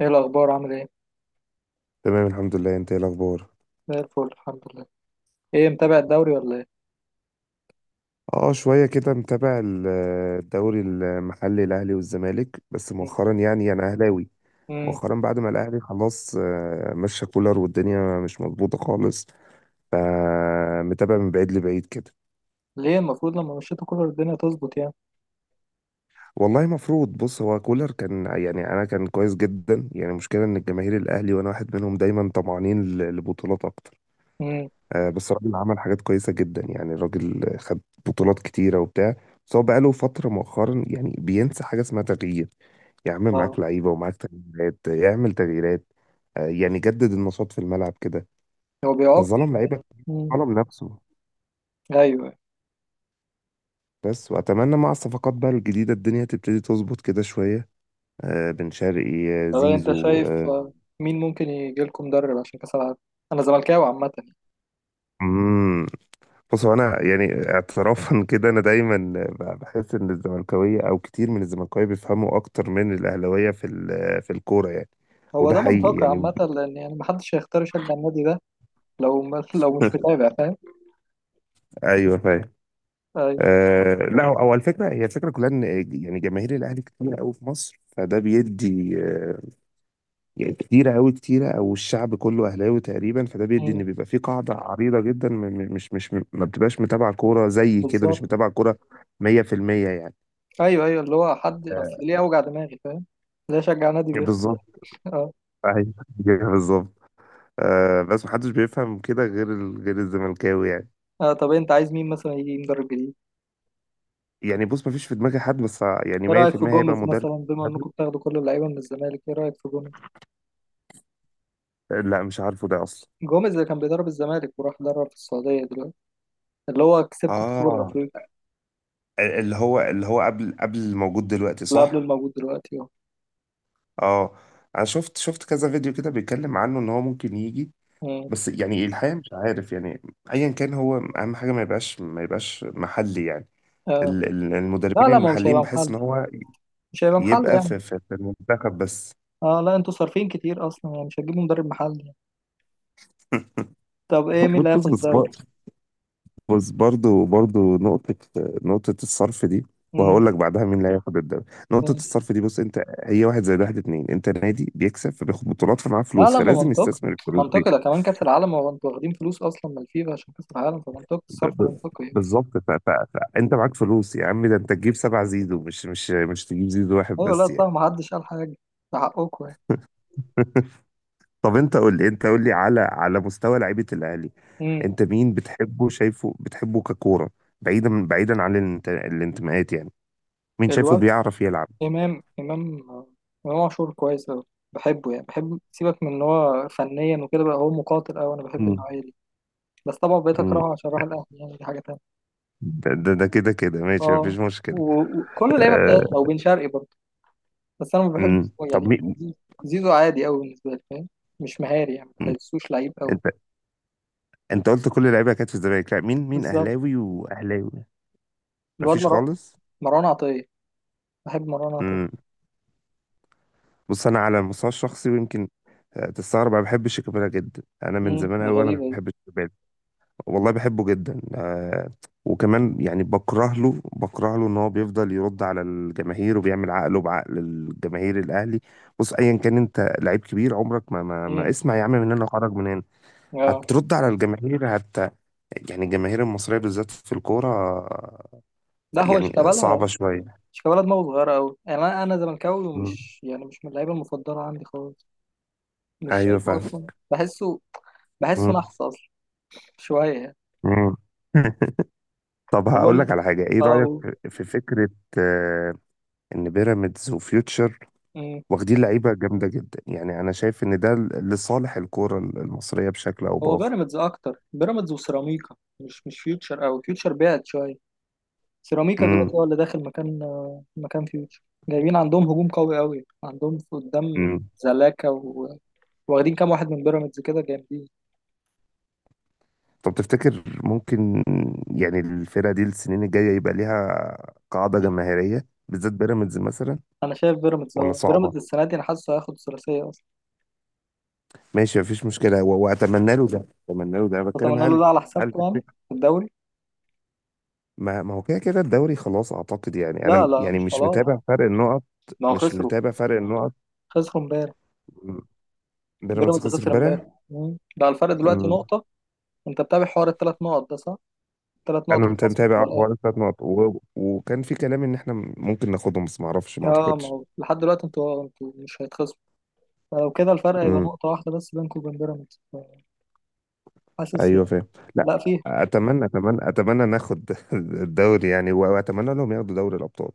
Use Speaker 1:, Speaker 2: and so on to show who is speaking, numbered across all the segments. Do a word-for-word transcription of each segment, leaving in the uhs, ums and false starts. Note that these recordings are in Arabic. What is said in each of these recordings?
Speaker 1: ايه الاخبار، عامل ايه؟
Speaker 2: تمام الحمد لله، انت ايه الاخبار؟
Speaker 1: زي الفل، الحمد لله. ايه، متابع الدوري ولا ايه؟
Speaker 2: اه شويه كده متابع ال- الدوري المحلي، الاهلي والزمالك بس
Speaker 1: مم.
Speaker 2: مؤخرا يعني. انا اهلاوي
Speaker 1: مم.
Speaker 2: مؤخرا بعد ما الاهلي خلاص آه، مشى كولر والدنيا مش مظبوطه خالص، فمتابع من بعيد لبعيد كده.
Speaker 1: ليه المفروض لما مشيتوا كولر الدنيا تظبط يعني؟
Speaker 2: والله مفروض. بص، هو كولر كان يعني انا كان كويس جدا يعني. المشكله ان الجماهير الاهلي، وانا واحد منهم، دايما طمعانين ل- لبطولات اكتر.
Speaker 1: مم.
Speaker 2: آه، بس الراجل عمل حاجات كويسة جدا يعني. الراجل خد بطولات كتيرة وبتاع. بس هو بقاله فترة مؤخرا يعني بينسى حاجة اسمها تغيير. يا عم معاك
Speaker 1: اه.
Speaker 2: لعيبة ومعاك تغييرات، يعمل تغييرات. آه، يعني جدد النشاط في الملعب كده.
Speaker 1: هو بيعاقب.
Speaker 2: فظلم لعيبة،
Speaker 1: مم.
Speaker 2: ظلم نفسه
Speaker 1: ايوه.
Speaker 2: بس. وأتمنى مع الصفقات بقى الجديدة الدنيا تبتدي تظبط كده شوية. آه، بن شرقي، آه،
Speaker 1: طب انت
Speaker 2: زيزو،
Speaker 1: شايف،
Speaker 2: آه،
Speaker 1: آه، مين ممكن يجي لكم مدرب عشان كاس العالم؟ انا زملكاوي عامه يعني.
Speaker 2: مم، بص، هو انا يعني اعترافا كده، انا دايما ب- بحس ان الزملكاويه او كتير من الزملكاويه بيفهموا اكتر من الاهلاويه في ال- في الكوره يعني.
Speaker 1: هو
Speaker 2: وده
Speaker 1: ده
Speaker 2: حقيقي
Speaker 1: منطقي
Speaker 2: يعني.
Speaker 1: عامه، لان يعني محدش هيختار يشجع النادي ده. لو ما لو مش متابع فاهم.
Speaker 2: ايوه فاهم.
Speaker 1: ايوه.
Speaker 2: آه، لا، هو هو الفكره، هي الفكره كلها ان يعني جماهير الاهلي كتير قوي في مصر، فده بيدي آه، يعني كتيره قوي، كتيره، او الشعب كله اهلاوي تقريبا، فده بيدي
Speaker 1: مم.
Speaker 2: ان بيبقى في قاعده عريضه جدا م- م- مش مش ما بتبقاش متابعه كوره. زي كده مش
Speaker 1: بالظبط.
Speaker 2: متابعه كوره مئة في المئة يعني.
Speaker 1: ايوه، ايوه اللي هو حد، اصل
Speaker 2: آه،
Speaker 1: ليه اوجع دماغي؟ فاهم؟ ليه اشجع نادي بيخسر؟
Speaker 2: بالظبط.
Speaker 1: اه.
Speaker 2: ايوه بالظبط. آه، بس محدش بيفهم كده غير ال... غير الزملكاوي يعني.
Speaker 1: آه، طب انت عايز مين مثلا يجي مدرب جديد؟
Speaker 2: يعني بص، مفيش في دماغي حد، بس يعني
Speaker 1: ايه رايك في
Speaker 2: مئة في المئة هيبقى
Speaker 1: جوميز
Speaker 2: مدرب
Speaker 1: مثلا؟ بما
Speaker 2: أجنبي.
Speaker 1: انكم بتاخدوا كل اللعيبه من الزمالك، ايه رايك في جوميز؟
Speaker 2: لا مش عارفه ده اصلا.
Speaker 1: جوميز اللي كان بيدرب الزمالك وراح يدرب في السعوديه دلوقتي، اللي هو كسبكم في سوبر
Speaker 2: اه،
Speaker 1: افريقيا.
Speaker 2: ال- اللي هو اللي هو قبل قبل الموجود دلوقتي،
Speaker 1: اللي قبل
Speaker 2: صح.
Speaker 1: الموجود دلوقتي اهو.
Speaker 2: اه، انا شفت شفت كذا فيديو كده بيتكلم عنه ان هو ممكن يجي.
Speaker 1: مم.
Speaker 2: بس يعني الحقيقه مش عارف يعني. ايا كان، هو اهم حاجه ما يبقاش ما يبقاش محلي يعني.
Speaker 1: آه.
Speaker 2: ال- ال-
Speaker 1: لا،
Speaker 2: المدربين
Speaker 1: لا، ما هو مش
Speaker 2: المحليين
Speaker 1: هيبقى
Speaker 2: بحس ان
Speaker 1: محل،
Speaker 2: هو
Speaker 1: مش هيبقى محل
Speaker 2: يبقى
Speaker 1: يعني.
Speaker 2: في في, في المنتخب بس.
Speaker 1: اه لا، انتوا صارفين كتير اصلا يعني، مش هتجيبوا مدرب محلي يعني. طب ايه، مين اللي
Speaker 2: بطل.
Speaker 1: هياخد الدوري؟
Speaker 2: بص، برضو برضو نقطة، نقطة الصرف دي. وهقول
Speaker 1: مم.
Speaker 2: لك بعدها مين اللي هياخد الدوري. نقطة
Speaker 1: مم.
Speaker 2: الصرف دي، بص، انت هي واحد زائد واحد اتنين. انت نادي بيكسب فبياخد بطولات، فمعاه
Speaker 1: لا،
Speaker 2: فلوس،
Speaker 1: لا، ما
Speaker 2: فلازم
Speaker 1: منطقي،
Speaker 2: يستثمر الفلوس دي.
Speaker 1: منطقي. ده كمان كاس العالم، هو انتوا واخدين فلوس اصلا من الفيفا عشان كاس العالم، فمنطقي
Speaker 2: ب-
Speaker 1: الصرف،
Speaker 2: ب-
Speaker 1: منطقي يعني.
Speaker 2: بالظبط. ف- ف- فانت معاك فلوس يا عم، ده انت تجيب سبع زيزو، مش مش مش تجيب زيزو واحد
Speaker 1: ايوه، لا
Speaker 2: بس
Speaker 1: صح،
Speaker 2: يعني.
Speaker 1: ما حدش قال حاجه، ده حقكم يعني.
Speaker 2: طب انت قول لي، انت قول لي على على مستوى لعيبة الاهلي،
Speaker 1: مم.
Speaker 2: انت مين بتحبه، شايفه بتحبه ككورة، بعيدا بعيدا عن الانت- الانتماءات يعني. مين شايفه
Speaker 1: الواد
Speaker 2: بيعرف يلعب؟
Speaker 1: إمام إمام إمام عاشور كويس أوي. بحبه يعني، بحب، سيبك من إن هو فنيا وكده، بقى هو مقاتل أوي، أنا بحب النوعية دي. بس طبعا بقيت
Speaker 2: مم.
Speaker 1: أكرهه عشان راح الأهلي يعني، دي حاجة تانية.
Speaker 2: ده ده, ده كده كده ماشي،
Speaker 1: أه.
Speaker 2: مفيش مشكلة.
Speaker 1: و- وكل اللعيبة
Speaker 2: آه،
Speaker 1: بتاعتنا، وبن شرقي برضه. بس أنا ما
Speaker 2: مم.
Speaker 1: بحبش هو
Speaker 2: طب
Speaker 1: يعني.
Speaker 2: مين؟
Speaker 1: زيزو. زيزو عادي أوي بالنسبة لي، فاهم؟ مش مهاري يعني، ما
Speaker 2: مم.
Speaker 1: بحسوش لعيب أوي.
Speaker 2: انت، انت قلت كل اللعيبة كانت في الزمالك. لا، مين مين
Speaker 1: بالظبط.
Speaker 2: اهلاوي واهلاوي.
Speaker 1: الواد
Speaker 2: مفيش
Speaker 1: مر-
Speaker 2: خالص.
Speaker 1: مروان عطية. بحب مروان
Speaker 2: مم.
Speaker 1: عطية.
Speaker 2: بص، انا على المستوى الشخصي، ويمكن آه، تستغرب، انا بحب شيكابالا جدا. انا من
Speaker 1: امم،
Speaker 2: زمان
Speaker 1: دي
Speaker 2: قوي
Speaker 1: غريبة
Speaker 2: وانا
Speaker 1: دي.
Speaker 2: بحب شيكابالا. والله بحبه جدا. آه، وكمان يعني بكره له بكره له ان هو بيفضل يرد على الجماهير وبيعمل عقله بعقل الجماهير الاهلي. بص، ايا كان انت لعيب كبير، عمرك ما ما, ما
Speaker 1: امم،
Speaker 2: اسمع يا عم، من هنا وخرج من هنا.
Speaker 1: اه
Speaker 2: هترد على الجماهير، هت... يعني الجماهير المصرية بالذات في الكورة
Speaker 1: لا، هو
Speaker 2: يعني
Speaker 1: شيكابالا
Speaker 2: صعبة شوية.
Speaker 1: مش كولد، دماغه صغيرة أوي يعني، أنا أنا زملكاوي
Speaker 2: مم.
Speaker 1: ومش يعني مش من اللعيبة المفضلة عندي خالص. مش
Speaker 2: أيوة
Speaker 1: شايفه
Speaker 2: فاهم.
Speaker 1: أصلا، بحسه. بحسه
Speaker 2: مم.
Speaker 1: نحس أصلا شوية يعني.
Speaker 2: مم. طب هقول
Speaker 1: بقول لي.
Speaker 2: لك على حاجة، إيه
Speaker 1: أه
Speaker 2: رأيك
Speaker 1: قول.
Speaker 2: في في فكرة آه، إن بيراميدز وفيوتشر
Speaker 1: أمم.
Speaker 2: واخدين لعيبة جامدة جدا؟ يعني أنا شايف إن ده لصالح الكورة المصرية بشكل أو
Speaker 1: هو
Speaker 2: بآخر.
Speaker 1: بيراميدز أكتر، بيراميدز وسيراميكا، مش مش فيوتشر أوي، فيوتشر بعد شوية. سيراميكا
Speaker 2: مم.
Speaker 1: دلوقتي هو اللي داخل مكان، آه، مكان فيوتشر. جايبين عندهم هجوم قوي أوي، عندهم في قدام.
Speaker 2: مم.
Speaker 1: زلاكا و... واخدين كام واحد من بيراميدز، كده جامدين.
Speaker 2: طب تفتكر ممكن يعني الفرقة دي السنين الجاية يبقى ليها قاعدة جماهيرية، بالذات بيراميدز مثلا،
Speaker 1: أنا شايف بيراميدز،
Speaker 2: ولا
Speaker 1: أه
Speaker 2: صعبة؟
Speaker 1: بيراميدز السنة دي أنا حاسه هياخد الثلاثية أصلا.
Speaker 2: ماشي مفيش مشكلة. و- وأتمنى له ده. أتمنى له ده أنا بتكلم،
Speaker 1: أتمنى له
Speaker 2: هل...
Speaker 1: ده على
Speaker 2: هل
Speaker 1: حسابكم
Speaker 2: في
Speaker 1: يعني
Speaker 2: الفكرة...
Speaker 1: في الدوري.
Speaker 2: ما ما هو كده كده الدوري خلاص، أعتقد يعني. أنا
Speaker 1: لا
Speaker 2: م-
Speaker 1: لا،
Speaker 2: يعني
Speaker 1: مش
Speaker 2: مش
Speaker 1: خلاص،
Speaker 2: متابع فرق النقط.
Speaker 1: ما هو
Speaker 2: مش
Speaker 1: خسروا.
Speaker 2: متابع فرق النقط
Speaker 1: خسروا امبارح.
Speaker 2: م، بيراميدز
Speaker 1: بيراميدز
Speaker 2: خسر
Speaker 1: خسر امبارح.
Speaker 2: امبارح.
Speaker 1: مم. ده الفرق دلوقتي
Speaker 2: م،
Speaker 1: نقطة. انت متابع حوار التلات نقط ده صح؟ ثلاث
Speaker 2: أنا
Speaker 1: نقط
Speaker 2: مت-
Speaker 1: الخصم
Speaker 2: متابع
Speaker 1: بتوع الاهلي.
Speaker 2: حوالي ثلاث نقط، و... وكان في كلام إن إحنا ممكن ناخدهم، بس ما أعرفش، ما
Speaker 1: اه، ما
Speaker 2: أعتقدش.
Speaker 1: هو لحد دلوقتي انتوا انتوا مش هيتخصموا. فلو كده الفرق هيبقى نقطة واحدة بس بينكم وبين بيراميدز. حاسس.
Speaker 2: ايوه فاهم. لا،
Speaker 1: لا فيه.
Speaker 2: اتمنى اتمنى اتمنى ناخد الدوري يعني، واتمنى لهم ياخدوا دوري الابطال.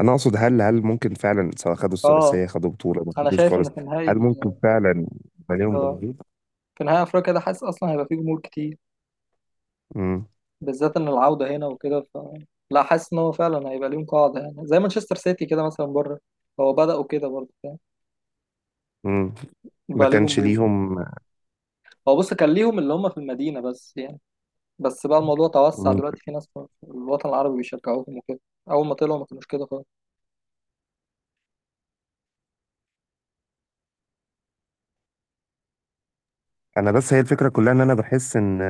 Speaker 2: انا اقصد، هل هل ممكن فعلا سواء خدوا
Speaker 1: اه،
Speaker 2: الثلاثيه، خدوا بطوله، ما
Speaker 1: انا
Speaker 2: خدوش
Speaker 1: شايف ان
Speaker 2: خالص،
Speaker 1: في نهائي
Speaker 2: هل ممكن
Speaker 1: ال-
Speaker 2: فعلا يبقى ليهم
Speaker 1: آه،
Speaker 2: جماهير؟
Speaker 1: في نهائي افريقيا ده، حاسس اصلا هيبقى فيه جمهور كتير،
Speaker 2: امم،
Speaker 1: بالذات ان العودة هنا وكده، ف لا، حاسس ان هو فعلا هيبقى ليهم قاعدة يعني، زي مانشستر سيتي كده مثلا بره. هو بدأوا كده برضه، فاهم؟
Speaker 2: امم، ما
Speaker 1: يبقى ليه
Speaker 2: كانش
Speaker 1: جمهور.
Speaker 2: ليهم.
Speaker 1: هو بص، كان ليهم اللي هم في المدينة بس يعني، بس بقى الموضوع توسع
Speaker 2: مم.
Speaker 1: دلوقتي، في ناس في الوطن العربي بيشجعوهم وكده. أول ما طلعوا ما كانوش كده خالص.
Speaker 2: انا بس هي الفكره كلها ان انا بحس ان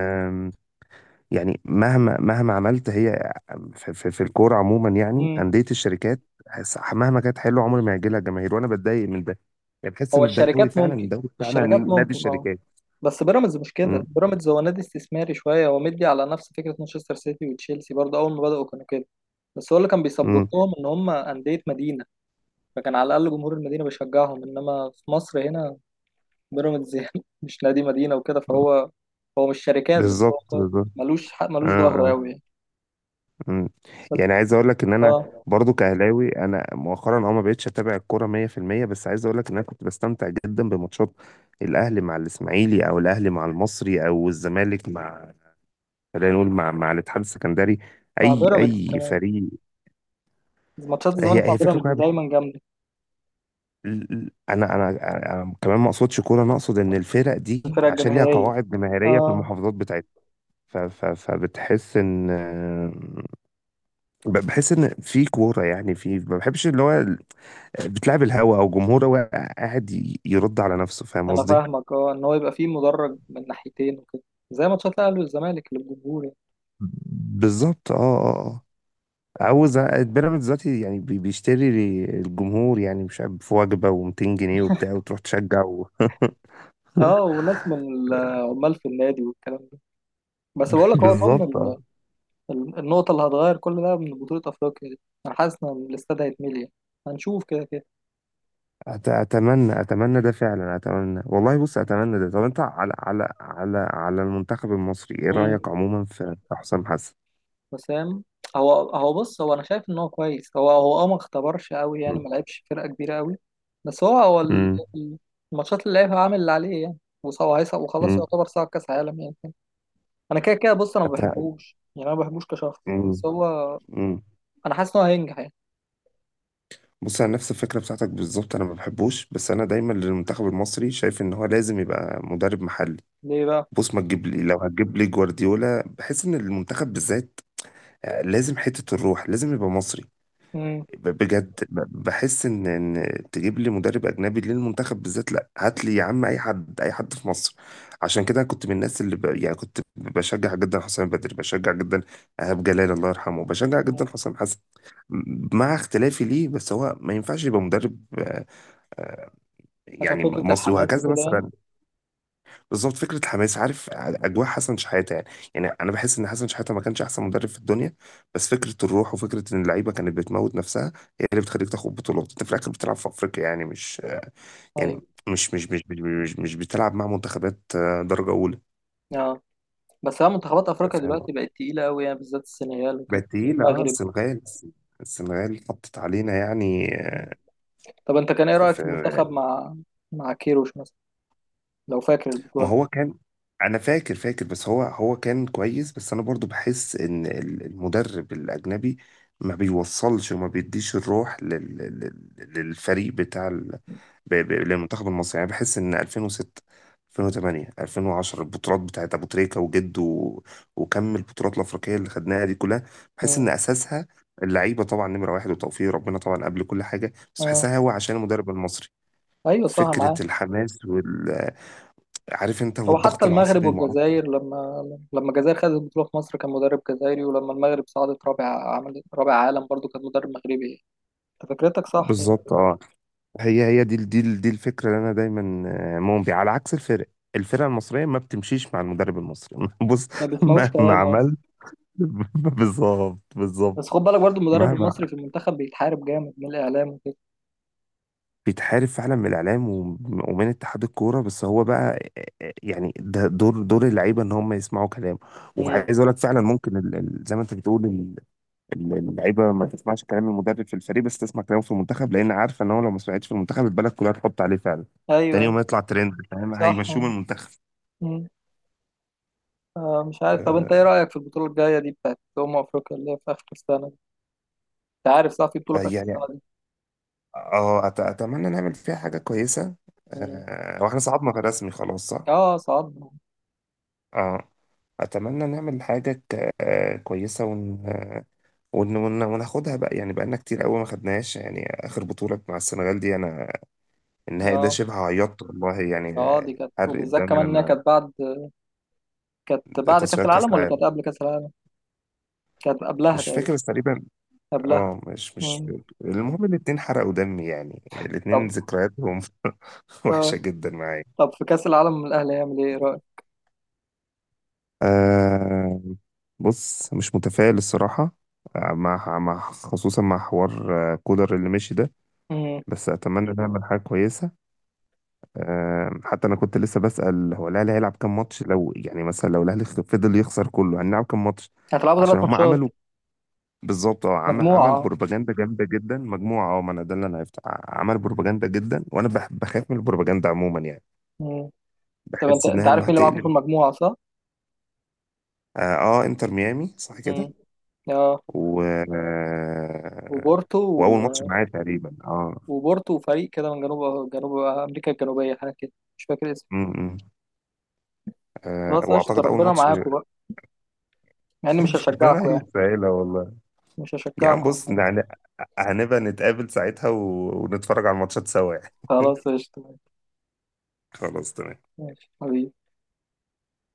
Speaker 2: يعني مهما مهما عملت هي، في, في, في الكوره عموما يعني،
Speaker 1: مم.
Speaker 2: انديه الشركات هس- مهما كانت حلوه عمر ما هيجي لها جماهير، وانا بتضايق من ده. يعني بحس
Speaker 1: هو
Speaker 2: ان الدوري
Speaker 1: الشركات
Speaker 2: فعلا،
Speaker 1: ممكن.
Speaker 2: الدوري فعلا
Speaker 1: الشركات
Speaker 2: نادي
Speaker 1: ممكن اه.
Speaker 2: الشركات.
Speaker 1: بس بيراميدز مش كده،
Speaker 2: م-
Speaker 1: بيراميدز هو نادي استثماري شوية، هو مدي على نفس فكرة مانشستر سيتي وتشيلسي برضه، أول ما بدأوا كانوا كده. بس هو اللي كان
Speaker 2: م.
Speaker 1: بيسبورتهم إن هم أندية مدينة، فكان على الأقل جمهور المدينة بيشجعهم، إنما في مصر هنا، بيراميدز يعني مش نادي مدينة وكده، فهو هو مش شركات بس،
Speaker 2: بالظبط
Speaker 1: هو هو
Speaker 2: بالظبط
Speaker 1: ملوش حق،
Speaker 2: آه،
Speaker 1: ملوش ظهر
Speaker 2: آه،
Speaker 1: أوي يعني.
Speaker 2: م.
Speaker 1: بس.
Speaker 2: يعني عايز اقول لك ان انا
Speaker 1: اه،
Speaker 2: برضو كاهلاوي، انا مؤخرا اه ما بقتش اتابع الكوره مئة في المئة. بس عايز اقول لك ان انا كنت بستمتع جدا بماتشات الاهلي مع الاسماعيلي، او الاهلي مع المصري، او الزمالك مع، خلينا نقول، مع مع الاتحاد السكندري.
Speaker 1: مع
Speaker 2: اي
Speaker 1: بيراميدز
Speaker 2: اي
Speaker 1: كمان.
Speaker 2: فريق.
Speaker 1: ماتشات الزمالك
Speaker 2: هي
Speaker 1: مع
Speaker 2: هي فكره
Speaker 1: بيراميدز
Speaker 2: كويسه بح-
Speaker 1: دايما جامده.
Speaker 2: ال- ال- انا انا انا كمان ما اقصدش كوره، انا اقصد ان الفرق دي
Speaker 1: الفرق
Speaker 2: عشان ليها
Speaker 1: الجماهيريه.
Speaker 2: قواعد جماهيريه في
Speaker 1: اه،
Speaker 2: المحافظات بتاعتها، ف- ف- فبتحس ان ب- بحس ان في كوره يعني. في، ما بحبش اللي هو ال- بتلعب الهوا، او جمهور هو قاعد ي- يرد على نفسه، فاهم
Speaker 1: انا
Speaker 2: قصدي؟
Speaker 1: فاهمك، اه ان هو يبقى فيه مدرج من ناحيتين وكده، زي ماتشات الاهلي والزمالك اللي الجمهور يعني.
Speaker 2: بالظبط. اه، اه، اه، عاوز أ- بيراميدز دلوقتي يعني بي- بيشتري الجمهور يعني، مش عارف، في وجبه و200 جنيه وبتاع وتروح تشجع و...
Speaker 1: اه، وناس من العمال في النادي والكلام ده. بس بقول لك، هو اظن
Speaker 2: بالظبط.
Speaker 1: ال- ال- النقطه اللي هتغير كل ده من بطوله افريقيا دي، انا حاسس ان الاستاد هيتملي يعني. هنشوف كده كده.
Speaker 2: أت- اتمنى اتمنى ده فعلا، اتمنى والله. بص، اتمنى ده. طب انت على على على على المنتخب المصري ايه
Speaker 1: مم.
Speaker 2: رايك عموما؟ في في حسام حسن.
Speaker 1: وسام. هو هو بص، هو انا شايف ان هو كويس، هو هو اه ما اختبرش قوي يعني،
Speaker 2: مم.
Speaker 1: ما لعبش فرقه كبيره قوي. بس هو هو ال-
Speaker 2: مم.
Speaker 1: ال- الماتشات اللي لعبها عامل اللي عليه يعني، وص- وهيصعد وخلاص،
Speaker 2: مم.
Speaker 1: يعتبر صعد كاس عالم يعني. انا كده كده بص، انا ما
Speaker 2: أت...
Speaker 1: بحبوش يعني، انا ما بحبوش كشخص،
Speaker 2: مم.
Speaker 1: بس هو
Speaker 2: مم.
Speaker 1: انا حاسس ان هو هينجح يعني.
Speaker 2: بص انا نفس الفكره بتاعتك بالظبط، انا ما بحبوش، بس انا دايما للمنتخب المصري شايف ان هو لازم يبقى مدرب محلي.
Speaker 1: ليه بقى؟
Speaker 2: بص ما تجيب لي، لو هتجيب لي جوارديولا، بحس ان المنتخب بالذات آه، لازم حته الروح لازم يبقى مصري.
Speaker 1: امم،
Speaker 2: ب- بجد، ب- بحس ان ان تجيب لي مدرب اجنبي للمنتخب بالذات، لا، هات لي يا عم اي حد، اي حد في مصر. عشان كده كنت من الناس اللي ب... يعني كنت بشجع جدا حسام بدري، بشجع جدا ايهاب جلال الله يرحمه، بشجع جدا حسام حسن مع اختلافي ليه. بس هو ما ينفعش يبقى مدرب آه،
Speaker 1: عشان
Speaker 2: يعني
Speaker 1: فكره
Speaker 2: مصري،
Speaker 1: الحماس
Speaker 2: وهكذا
Speaker 1: وكده يعني.
Speaker 2: مثلا. بالظبط، فكره الحماس، عارف اجواء حسن شحاته يعني. يعني انا بحس ان حسن شحاته ما كانش احسن مدرب في الدنيا، بس فكره الروح وفكره ان اللعيبه كانت بتموت نفسها هي اللي بتخليك تاخد بطولات. انت في الاخر بتلعب في افريقيا يعني، مش يعني،
Speaker 1: ايوه
Speaker 2: مش مش مش مش, مش, مش بتلعب مع منتخبات آه، درجه اولى.
Speaker 1: اه. بس هي منتخبات افريقيا
Speaker 2: فاهم.
Speaker 1: دلوقتي بقت تقيله قوي يعني، بالذات السنغال وكده
Speaker 2: بقت تقيله، اه
Speaker 1: والمغرب.
Speaker 2: السنغال. السنغال حطت علينا يعني. آه،
Speaker 1: طب انت كان ايه
Speaker 2: في,
Speaker 1: رايك
Speaker 2: في
Speaker 1: في المنتخب مع مع كيروش مثلا؟ لو فاكر
Speaker 2: ما
Speaker 1: البطوله دي.
Speaker 2: هو كان، انا فاكر، فاكر بس هو هو كان كويس. بس انا برضو بحس ان ال- المدرب الاجنبي ما بيوصلش وما بيديش الروح لل... لل- للفريق بتاع ال... ب... ب... للمنتخب المصري. يعني بحس ان ألفين وستة، ألفين وتمانية، ألفين وعشرة، البطولات بتاعت ابو تريكة وجد و... وكم البطولات الافريقيه اللي خدناها دي كلها، بحس
Speaker 1: مم.
Speaker 2: ان اساسها اللعيبه طبعا نمره واحد وتوفيق ربنا طبعا قبل كل حاجه، بس
Speaker 1: اه،
Speaker 2: بحسها هو عشان المدرب المصري،
Speaker 1: ايوه صح
Speaker 2: فكره
Speaker 1: معاه.
Speaker 2: الحماس وال... عارف انت،
Speaker 1: هو حتى
Speaker 2: والضغط
Speaker 1: المغرب
Speaker 2: العصبي وما اعرفش ايه.
Speaker 1: والجزائر، لما لما الجزائر خدت البطوله في مصر كان مدرب جزائري، ولما المغرب صعدت رابع، عمل رابع عالم، برضو كان مدرب مغربي يعني. انت فكرتك صح يعني.
Speaker 2: بالظبط اه. هي هي دي دي دي الفكره اللي انا دايما آه، مؤمن بيها، على عكس الفرق. الفرقه المصريه ما بتمشيش مع المدرب المصري. بص،
Speaker 1: ما بيسمعوش
Speaker 2: مهما
Speaker 1: كلام اصلا.
Speaker 2: عملت. بالظبط
Speaker 1: بس
Speaker 2: بالظبط
Speaker 1: خد بالك برضو، المدرب
Speaker 2: مهما...
Speaker 1: المصري في المنتخب بيتحارب جامد من الاعلام وكده.
Speaker 2: بيتحارب فعلا من الاعلام وم- ومن اتحاد الكوره، بس هو بقى آه، آه، يعني ده دور دور اللعيبه ان هم يسمعوا كلامه.
Speaker 1: امم.
Speaker 2: وعايز اقول لك فعلا ممكن ال- ال- زي ما انت بتقول، اللعيبه ما تسمعش كلام المدرب في الفريق، بس تسمع كلامه في المنتخب لان عارفه ان هو لو ما سمعتش في المنتخب البلد كلها تحط عليه فعلا،
Speaker 1: ايوه،
Speaker 2: تاني يوم
Speaker 1: أيوة.
Speaker 2: يطلع ترند فاهم،
Speaker 1: صح.
Speaker 2: هيمشوه من المنتخب.
Speaker 1: امم. آه مش عارف. طب انت ايه
Speaker 2: آه،
Speaker 1: رايك في البطوله الجايه دي، بتاعت امم افريقيا اللي هي في اخر السنه دي؟ انت عارف صح في بطوله في اخر
Speaker 2: يعني
Speaker 1: السنه دي؟
Speaker 2: اه، أت- اتمنى نعمل فيها حاجه كويسه.
Speaker 1: مم.
Speaker 2: آه، واحنا صعدنا في رسمي خلاص، صح؟
Speaker 1: اه صعدنا.
Speaker 2: اه، اتمنى نعمل حاجه ك... آه، كويسه ون... آه، ون... ون... وناخدها بقى يعني. بقالنا كتير قوي ما خدناهاش يعني. اخر بطوله مع السنغال دي انا، النهائي ده
Speaker 1: اه
Speaker 2: شبه عيطت والله يعني.
Speaker 1: اه، دي كانت،
Speaker 2: حرق
Speaker 1: وبالذات
Speaker 2: الدم
Speaker 1: كمان انها
Speaker 2: من
Speaker 1: كانت بعد، كانت بعد كأس
Speaker 2: تصفيات كاس
Speaker 1: العالم ولا
Speaker 2: العالم.
Speaker 1: كانت قبل كأس العالم؟ كانت قبلها
Speaker 2: مش فاكر
Speaker 1: تقريبا.
Speaker 2: بس تقريبا.
Speaker 1: قبلها.
Speaker 2: اه مش مش
Speaker 1: مم.
Speaker 2: فاكر. المهم الاتنين حرقوا دمي يعني، يعني الاتنين
Speaker 1: طب
Speaker 2: ذكرياتهم وحشة
Speaker 1: اه،
Speaker 2: جدا معايا.
Speaker 1: طب في كأس العالم الأهلي هيعمل إيه؟ إيه رأيك؟
Speaker 2: آه، بص، مش متفائل الصراحة. آه، مع مع خصوصا مع حوار آه، كولر اللي مشي ده.
Speaker 1: مم.
Speaker 2: بس أتمنى نعمل حاجة كويسة. آه حتى أنا كنت لسه بسأل، هو الأهلي هيلعب كام ماتش؟ لو يعني مثلا لو الأهلي فضل يخسر كله هنلعب كام ماتش؟
Speaker 1: هتلعبوا
Speaker 2: عشان
Speaker 1: ثلاث
Speaker 2: هم
Speaker 1: ماتشات
Speaker 2: عملوا، بالظبط اه، عمل
Speaker 1: مجموعة
Speaker 2: عمل
Speaker 1: آه.
Speaker 2: بروباجندا جامده جدا مجموعه. اه، ما انا ده اللي انا عرفته، ع- عمل بروباجندا جدا، وانا بح- بخاف من البروباجندا عموما يعني.
Speaker 1: مم. طب أنت
Speaker 2: بحس
Speaker 1: أنت
Speaker 2: انها
Speaker 1: عارف
Speaker 2: ما
Speaker 1: مين اللي معاكم في
Speaker 2: هتقلب.
Speaker 1: المجموعة صح؟
Speaker 2: اه آه، انتر ميامي صح كده.
Speaker 1: مم. اه،
Speaker 2: و آه،
Speaker 1: وبورتو. و...
Speaker 2: واول ماتش معايا تقريبا اه.
Speaker 1: وبورتو وفريق كده من جنوب جنوب أمريكا الجنوبية، حاجة كده، مش فاكر اسمه.
Speaker 2: امم إمم، آه،
Speaker 1: خلاص، قشطة،
Speaker 2: واعتقد اول
Speaker 1: ربنا
Speaker 2: ماتش.
Speaker 1: معاكم بقى، مع إني مش
Speaker 2: ربنا
Speaker 1: هشجعكم يعني.
Speaker 2: يسهلها والله.
Speaker 1: مش
Speaker 2: يا عم
Speaker 1: هشجعكم.
Speaker 2: بص يعني، هنبقى نتقابل ساعتها و... ونتفرج على الماتشات سوا يعني.
Speaker 1: خلاص قشطة.
Speaker 2: خلاص تمام.
Speaker 1: ماشي حبيبي.